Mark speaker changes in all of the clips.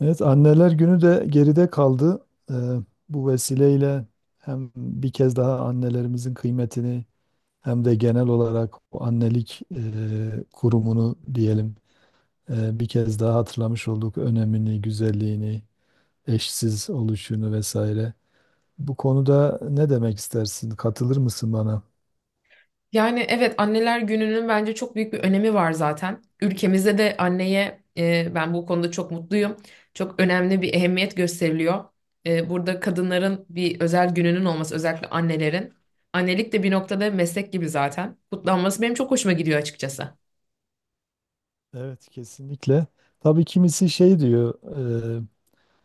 Speaker 1: Evet, Anneler Günü de geride kaldı. Ee, bu vesileyle hem bir kez daha annelerimizin kıymetini hem de genel olarak o annelik kurumunu diyelim bir kez daha hatırlamış olduk. Önemini, güzelliğini, eşsiz oluşunu vesaire. Bu konuda ne demek istersin? Katılır mısın bana?
Speaker 2: Yani evet anneler gününün bence çok büyük bir önemi var zaten. Ülkemizde de anneye ben bu konuda çok mutluyum. Çok önemli bir ehemmiyet gösteriliyor. Burada kadınların bir özel gününün olması özellikle annelerin. Annelik de bir noktada meslek gibi zaten. Kutlanması benim çok hoşuma gidiyor açıkçası.
Speaker 1: Evet, kesinlikle. Tabii kimisi şey diyor, e,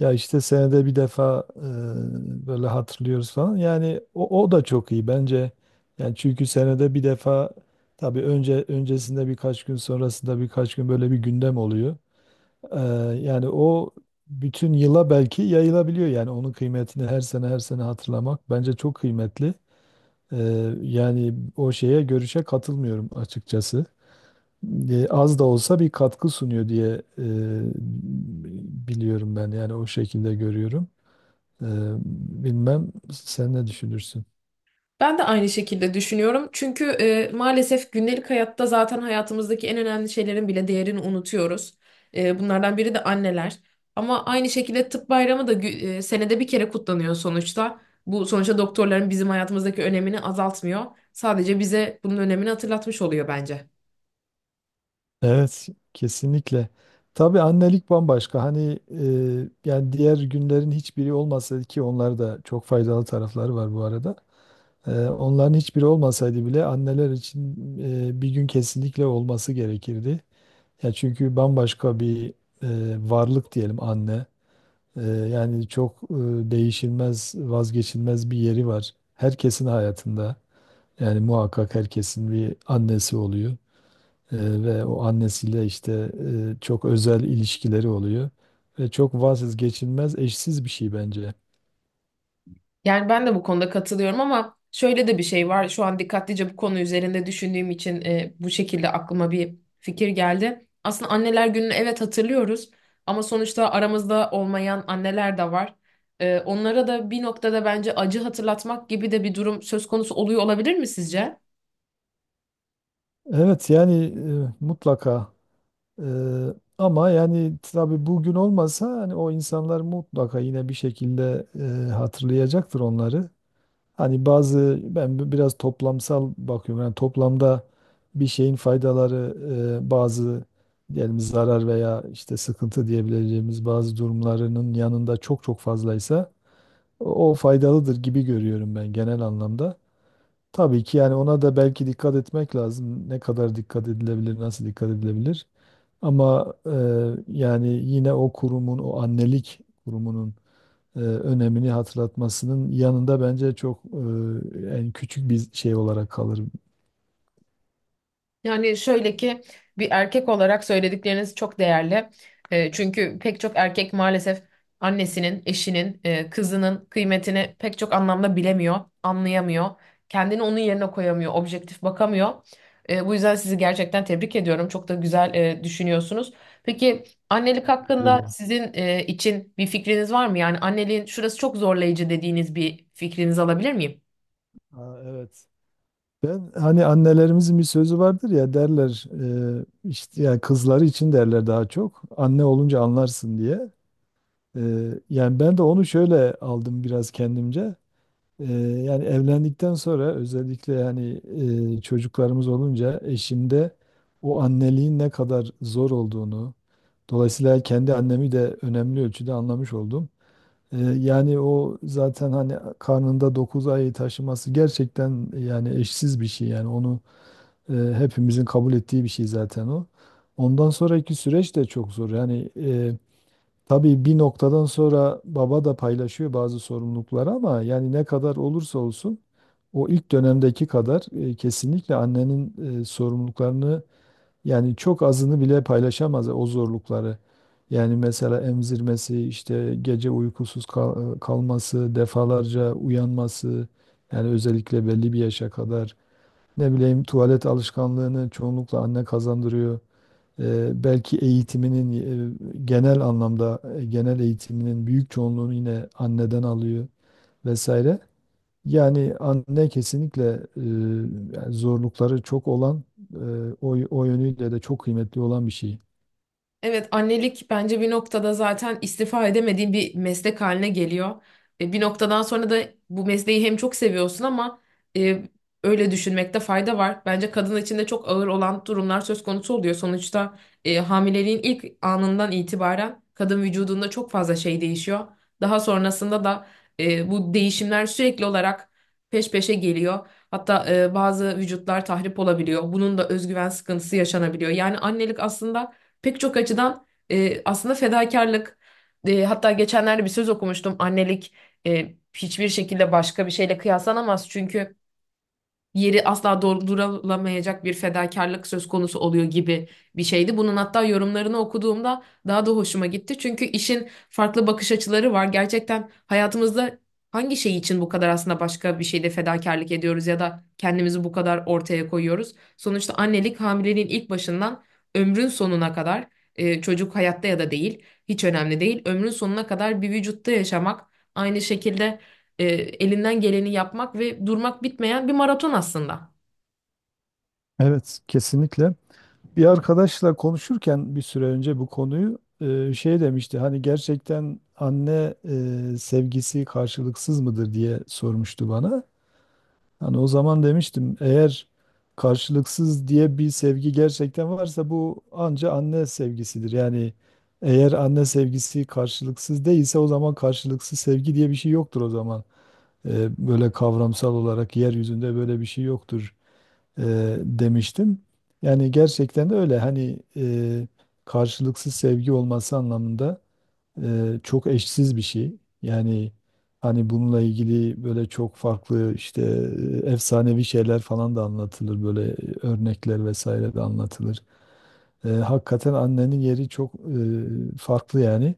Speaker 1: ya işte senede bir defa böyle hatırlıyoruz falan. Yani o da çok iyi bence. Yani çünkü senede bir defa tabii öncesinde birkaç gün sonrasında birkaç gün böyle bir gündem oluyor. E, yani o bütün yıla belki yayılabiliyor, yani onun kıymetini her sene hatırlamak bence çok kıymetli. E, yani o şeye, görüşe katılmıyorum açıkçası. Az da olsa bir katkı sunuyor diye e, biliyorum, ben yani o şekilde görüyorum. Ee, bilmem sen ne düşünürsün?
Speaker 2: Ben de aynı şekilde düşünüyorum. Çünkü maalesef gündelik hayatta zaten hayatımızdaki en önemli şeylerin bile değerini unutuyoruz. Bunlardan biri de anneler. Ama aynı şekilde tıp bayramı da senede bir kere kutlanıyor sonuçta. Bu sonuçta doktorların bizim hayatımızdaki önemini azaltmıyor. Sadece bize bunun önemini hatırlatmış oluyor bence.
Speaker 1: Evet, kesinlikle. Tabii annelik bambaşka. Hani yani diğer günlerin hiçbiri olmasaydı, ki onlar da çok faydalı tarafları var bu arada. Onların hiçbiri olmasaydı bile anneler için bir gün kesinlikle olması gerekirdi. Ya çünkü bambaşka bir varlık diyelim anne. Yani çok değişilmez, vazgeçilmez bir yeri var herkesin hayatında. Yani muhakkak herkesin bir annesi oluyor, ve o annesiyle işte çok özel ilişkileri oluyor ve çok vazgeçilmez, eşsiz bir şey bence.
Speaker 2: Yani ben de bu konuda katılıyorum ama şöyle de bir şey var. Şu an dikkatlice bu konu üzerinde düşündüğüm için bu şekilde aklıma bir fikir geldi. Aslında anneler gününü evet hatırlıyoruz ama sonuçta aramızda olmayan anneler de var. Onlara da bir noktada bence acı hatırlatmak gibi de bir durum söz konusu oluyor olabilir mi sizce?
Speaker 1: Evet yani mutlaka, ama yani tabii bugün olmasa hani o insanlar mutlaka yine bir şekilde hatırlayacaktır onları. Hani bazı, ben biraz toplamsal bakıyorum. Yani toplamda bir şeyin faydaları bazı diyelim zarar veya işte sıkıntı diyebileceğimiz bazı durumlarının yanında çok çok fazlaysa o faydalıdır gibi görüyorum ben genel anlamda. Tabii ki yani ona da belki dikkat etmek lazım. Ne kadar dikkat edilebilir, nasıl dikkat edilebilir? Ama yani yine o kurumun, o annelik kurumunun önemini hatırlatmasının yanında bence çok en küçük bir şey olarak kalır.
Speaker 2: Yani şöyle ki bir erkek olarak söyledikleriniz çok değerli. Çünkü pek çok erkek maalesef annesinin, eşinin, kızının kıymetini pek çok anlamda bilemiyor, anlayamıyor. Kendini onun yerine koyamıyor, objektif bakamıyor. Bu yüzden sizi gerçekten tebrik ediyorum. Çok da güzel düşünüyorsunuz. Peki annelik
Speaker 1: Teşekkür
Speaker 2: hakkında
Speaker 1: ederim.
Speaker 2: sizin için bir fikriniz var mı? Yani anneliğin şurası çok zorlayıcı dediğiniz bir fikrinizi alabilir miyim?
Speaker 1: Aa, evet. Ben hani annelerimizin bir sözü vardır ya, derler işte yani kızları için derler, daha çok anne olunca anlarsın diye. E, yani ben de onu şöyle aldım biraz kendimce. Ee, yani evlendikten sonra özellikle hani çocuklarımız olunca eşimde o anneliğin ne kadar zor olduğunu, dolayısıyla kendi annemi de önemli ölçüde anlamış oldum. Yani o zaten hani karnında 9 ayı taşıması gerçekten yani eşsiz bir şey, yani onu hepimizin kabul ettiği bir şey zaten o. Ondan sonraki süreç de çok zor. Yani tabii bir noktadan sonra baba da paylaşıyor bazı sorumlulukları, ama yani ne kadar olursa olsun o ilk dönemdeki kadar kesinlikle annenin sorumluluklarını, yani çok azını bile paylaşamaz o zorlukları. Yani mesela emzirmesi, işte gece kalması, defalarca uyanması, yani özellikle belli bir yaşa kadar ne bileyim tuvalet alışkanlığını çoğunlukla anne kazandırıyor. Belki eğitiminin genel eğitiminin büyük çoğunluğunu yine anneden alıyor vesaire. Yani anne kesinlikle e, yani zorlukları çok olan, e, o yönüyle de çok kıymetli olan bir şey.
Speaker 2: Evet, annelik bence bir noktada zaten istifa edemediğin bir meslek haline geliyor. Bir noktadan sonra da bu mesleği hem çok seviyorsun ama e, öyle düşünmekte fayda var. Bence kadın için de çok ağır olan durumlar söz konusu oluyor. Sonuçta hamileliğin ilk anından itibaren kadın vücudunda çok fazla şey değişiyor. Daha sonrasında da bu değişimler sürekli olarak peş peşe geliyor. Hatta bazı vücutlar tahrip olabiliyor. Bunun da özgüven sıkıntısı yaşanabiliyor. Yani annelik aslında pek çok açıdan aslında fedakarlık, hatta geçenlerde bir söz okumuştum: annelik hiçbir şekilde başka bir şeyle kıyaslanamaz çünkü yeri asla doldurulamayacak bir fedakarlık söz konusu oluyor, gibi bir şeydi. Bunun hatta yorumlarını okuduğumda daha da hoşuma gitti. Çünkü işin farklı bakış açıları var. Gerçekten hayatımızda hangi şey için bu kadar aslında başka bir şeyde fedakarlık ediyoruz ya da kendimizi bu kadar ortaya koyuyoruz? Sonuçta annelik hamileliğin ilk başından ömrün sonuna kadar, çocuk hayatta ya da değil hiç önemli değil. Ömrün sonuna kadar bir vücutta yaşamak, aynı şekilde elinden geleni yapmak ve durmak bitmeyen bir maraton aslında.
Speaker 1: Evet, kesinlikle. Bir arkadaşla konuşurken bir süre önce bu konuyu, şey demişti. Hani gerçekten anne sevgisi karşılıksız mıdır diye sormuştu bana. Hani o zaman demiştim, eğer karşılıksız diye bir sevgi gerçekten varsa bu anca anne sevgisidir. Yani eğer anne sevgisi karşılıksız değilse o zaman karşılıksız sevgi diye bir şey yoktur o zaman. Böyle kavramsal olarak yeryüzünde böyle bir şey yoktur e, demiştim. Yani gerçekten de öyle, hani karşılıksız sevgi olması anlamında çok eşsiz bir şey. Yani hani bununla ilgili böyle çok farklı, işte efsanevi şeyler falan da anlatılır. Böyle örnekler vesaire de anlatılır. Hakikaten annenin yeri çok farklı yani.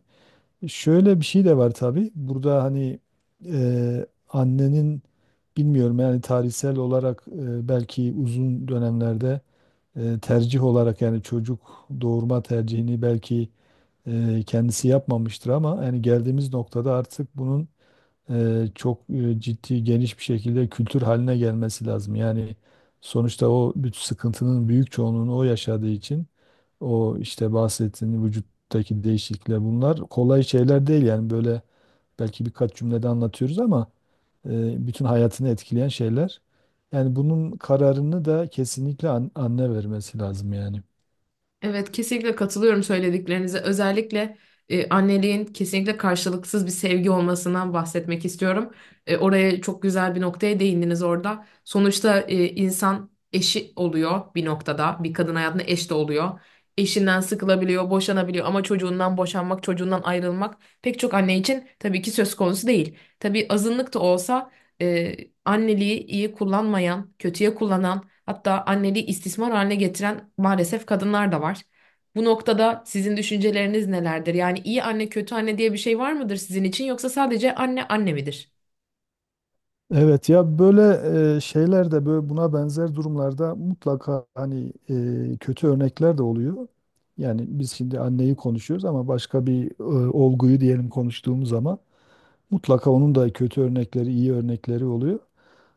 Speaker 1: Şöyle bir şey de var tabii. Burada hani annenin, bilmiyorum yani tarihsel olarak belki uzun dönemlerde tercih olarak, yani çocuk doğurma tercihini belki kendisi yapmamıştır, ama yani geldiğimiz noktada artık bunun ciddi geniş bir şekilde kültür haline gelmesi lazım. Yani sonuçta o bütün sıkıntının büyük çoğunluğunu o yaşadığı için, o işte bahsettiğin vücuttaki değişiklikler, bunlar kolay şeyler değil yani, böyle belki birkaç cümlede anlatıyoruz ama bütün hayatını etkileyen şeyler. Yani bunun kararını da kesinlikle anne vermesi lazım yani.
Speaker 2: Evet, kesinlikle katılıyorum söylediklerinize. Özellikle anneliğin kesinlikle karşılıksız bir sevgi olmasından bahsetmek istiyorum. Oraya çok güzel bir noktaya değindiniz orada. Sonuçta insan eşi oluyor bir noktada. Bir kadın hayatında eş de oluyor. Eşinden sıkılabiliyor, boşanabiliyor ama çocuğundan boşanmak, çocuğundan ayrılmak pek çok anne için tabii ki söz konusu değil. Tabii azınlık da olsa e, anneliği iyi kullanmayan, kötüye kullanan, hatta anneliği istismar haline getiren maalesef kadınlar da var. Bu noktada sizin düşünceleriniz nelerdir? Yani iyi anne, kötü anne diye bir şey var mıdır sizin için, yoksa sadece anne anne midir?
Speaker 1: Evet, ya böyle şeyler de, böyle buna benzer durumlarda mutlaka hani kötü örnekler de oluyor. Yani biz şimdi anneyi konuşuyoruz ama başka bir olguyu diyelim konuştuğumuz zaman mutlaka onun da kötü örnekleri, iyi örnekleri oluyor.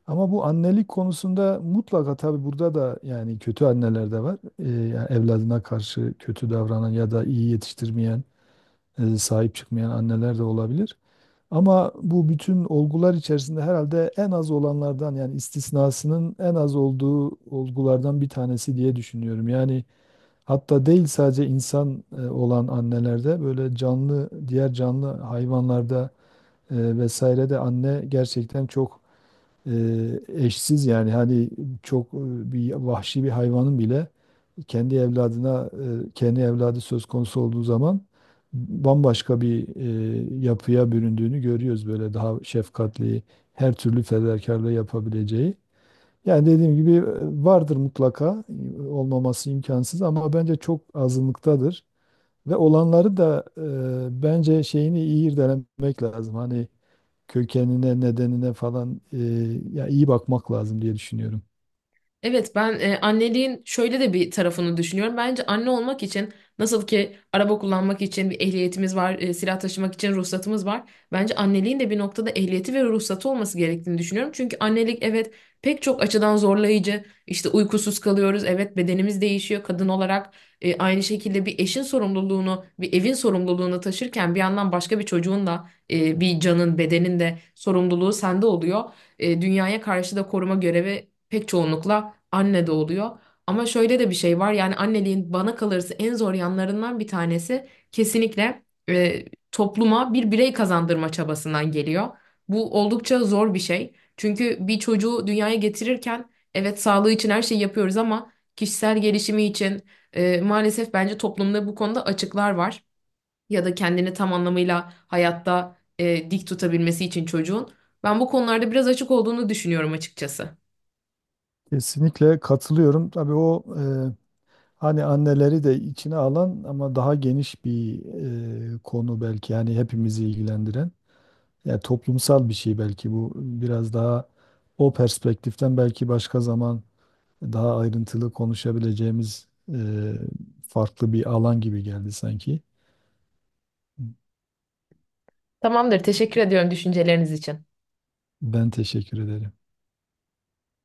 Speaker 1: Ama bu annelik konusunda mutlaka, tabii burada da yani kötü anneler de var. Yani evladına karşı kötü davranan ya da iyi yetiştirmeyen, sahip çıkmayan anneler de olabilir. Ama bu bütün olgular içerisinde herhalde en az olanlardan, yani istisnasının en az olduğu olgulardan bir tanesi diye düşünüyorum. Yani hatta değil sadece insan olan annelerde, böyle canlı, diğer canlı hayvanlarda vesaire de anne gerçekten çok eşsiz, yani hani çok bir vahşi bir hayvanın bile kendi evladına kendi evladı söz konusu olduğu zaman bambaşka bir yapıya büründüğünü görüyoruz, böyle daha şefkatli her türlü fedakarlığı yapabileceği. Yani dediğim gibi vardır mutlaka, olmaması imkansız ama bence çok azınlıktadır ve olanları da bence şeyini iyi irdelemek lazım. Hani kökenine, nedenine falan ya iyi bakmak lazım diye düşünüyorum.
Speaker 2: Evet, ben anneliğin şöyle de bir tarafını düşünüyorum. Bence anne olmak için nasıl ki araba kullanmak için bir ehliyetimiz var, silah taşımak için ruhsatımız var. Bence anneliğin de bir noktada ehliyeti ve ruhsatı olması gerektiğini düşünüyorum. Çünkü annelik evet pek çok açıdan zorlayıcı. İşte uykusuz kalıyoruz. Evet, bedenimiz değişiyor kadın olarak. Aynı şekilde bir eşin sorumluluğunu, bir evin sorumluluğunu taşırken bir yandan başka bir çocuğun da, bir canın, bedenin de sorumluluğu sende oluyor. Dünyaya karşı da koruma görevi pek çoğunlukla anne de oluyor. Ama şöyle de bir şey var, yani anneliğin bana kalırsa en zor yanlarından bir tanesi kesinlikle e, topluma bir birey kazandırma çabasından geliyor. Bu oldukça zor bir şey. Çünkü bir çocuğu dünyaya getirirken evet sağlığı için her şeyi yapıyoruz ama kişisel gelişimi için, maalesef bence toplumda bu konuda açıklar var, ya da kendini tam anlamıyla hayatta dik tutabilmesi için çocuğun. Ben bu konularda biraz açık olduğunu düşünüyorum açıkçası.
Speaker 1: Kesinlikle katılıyorum. Tabii o hani anneleri de içine alan ama daha geniş bir konu belki, yani hepimizi ilgilendiren. Ya toplumsal bir şey belki bu, biraz daha o perspektiften belki başka zaman daha ayrıntılı konuşabileceğimiz e, farklı bir alan gibi geldi sanki.
Speaker 2: Tamamdır, teşekkür ediyorum düşünceleriniz için.
Speaker 1: Ben teşekkür ederim.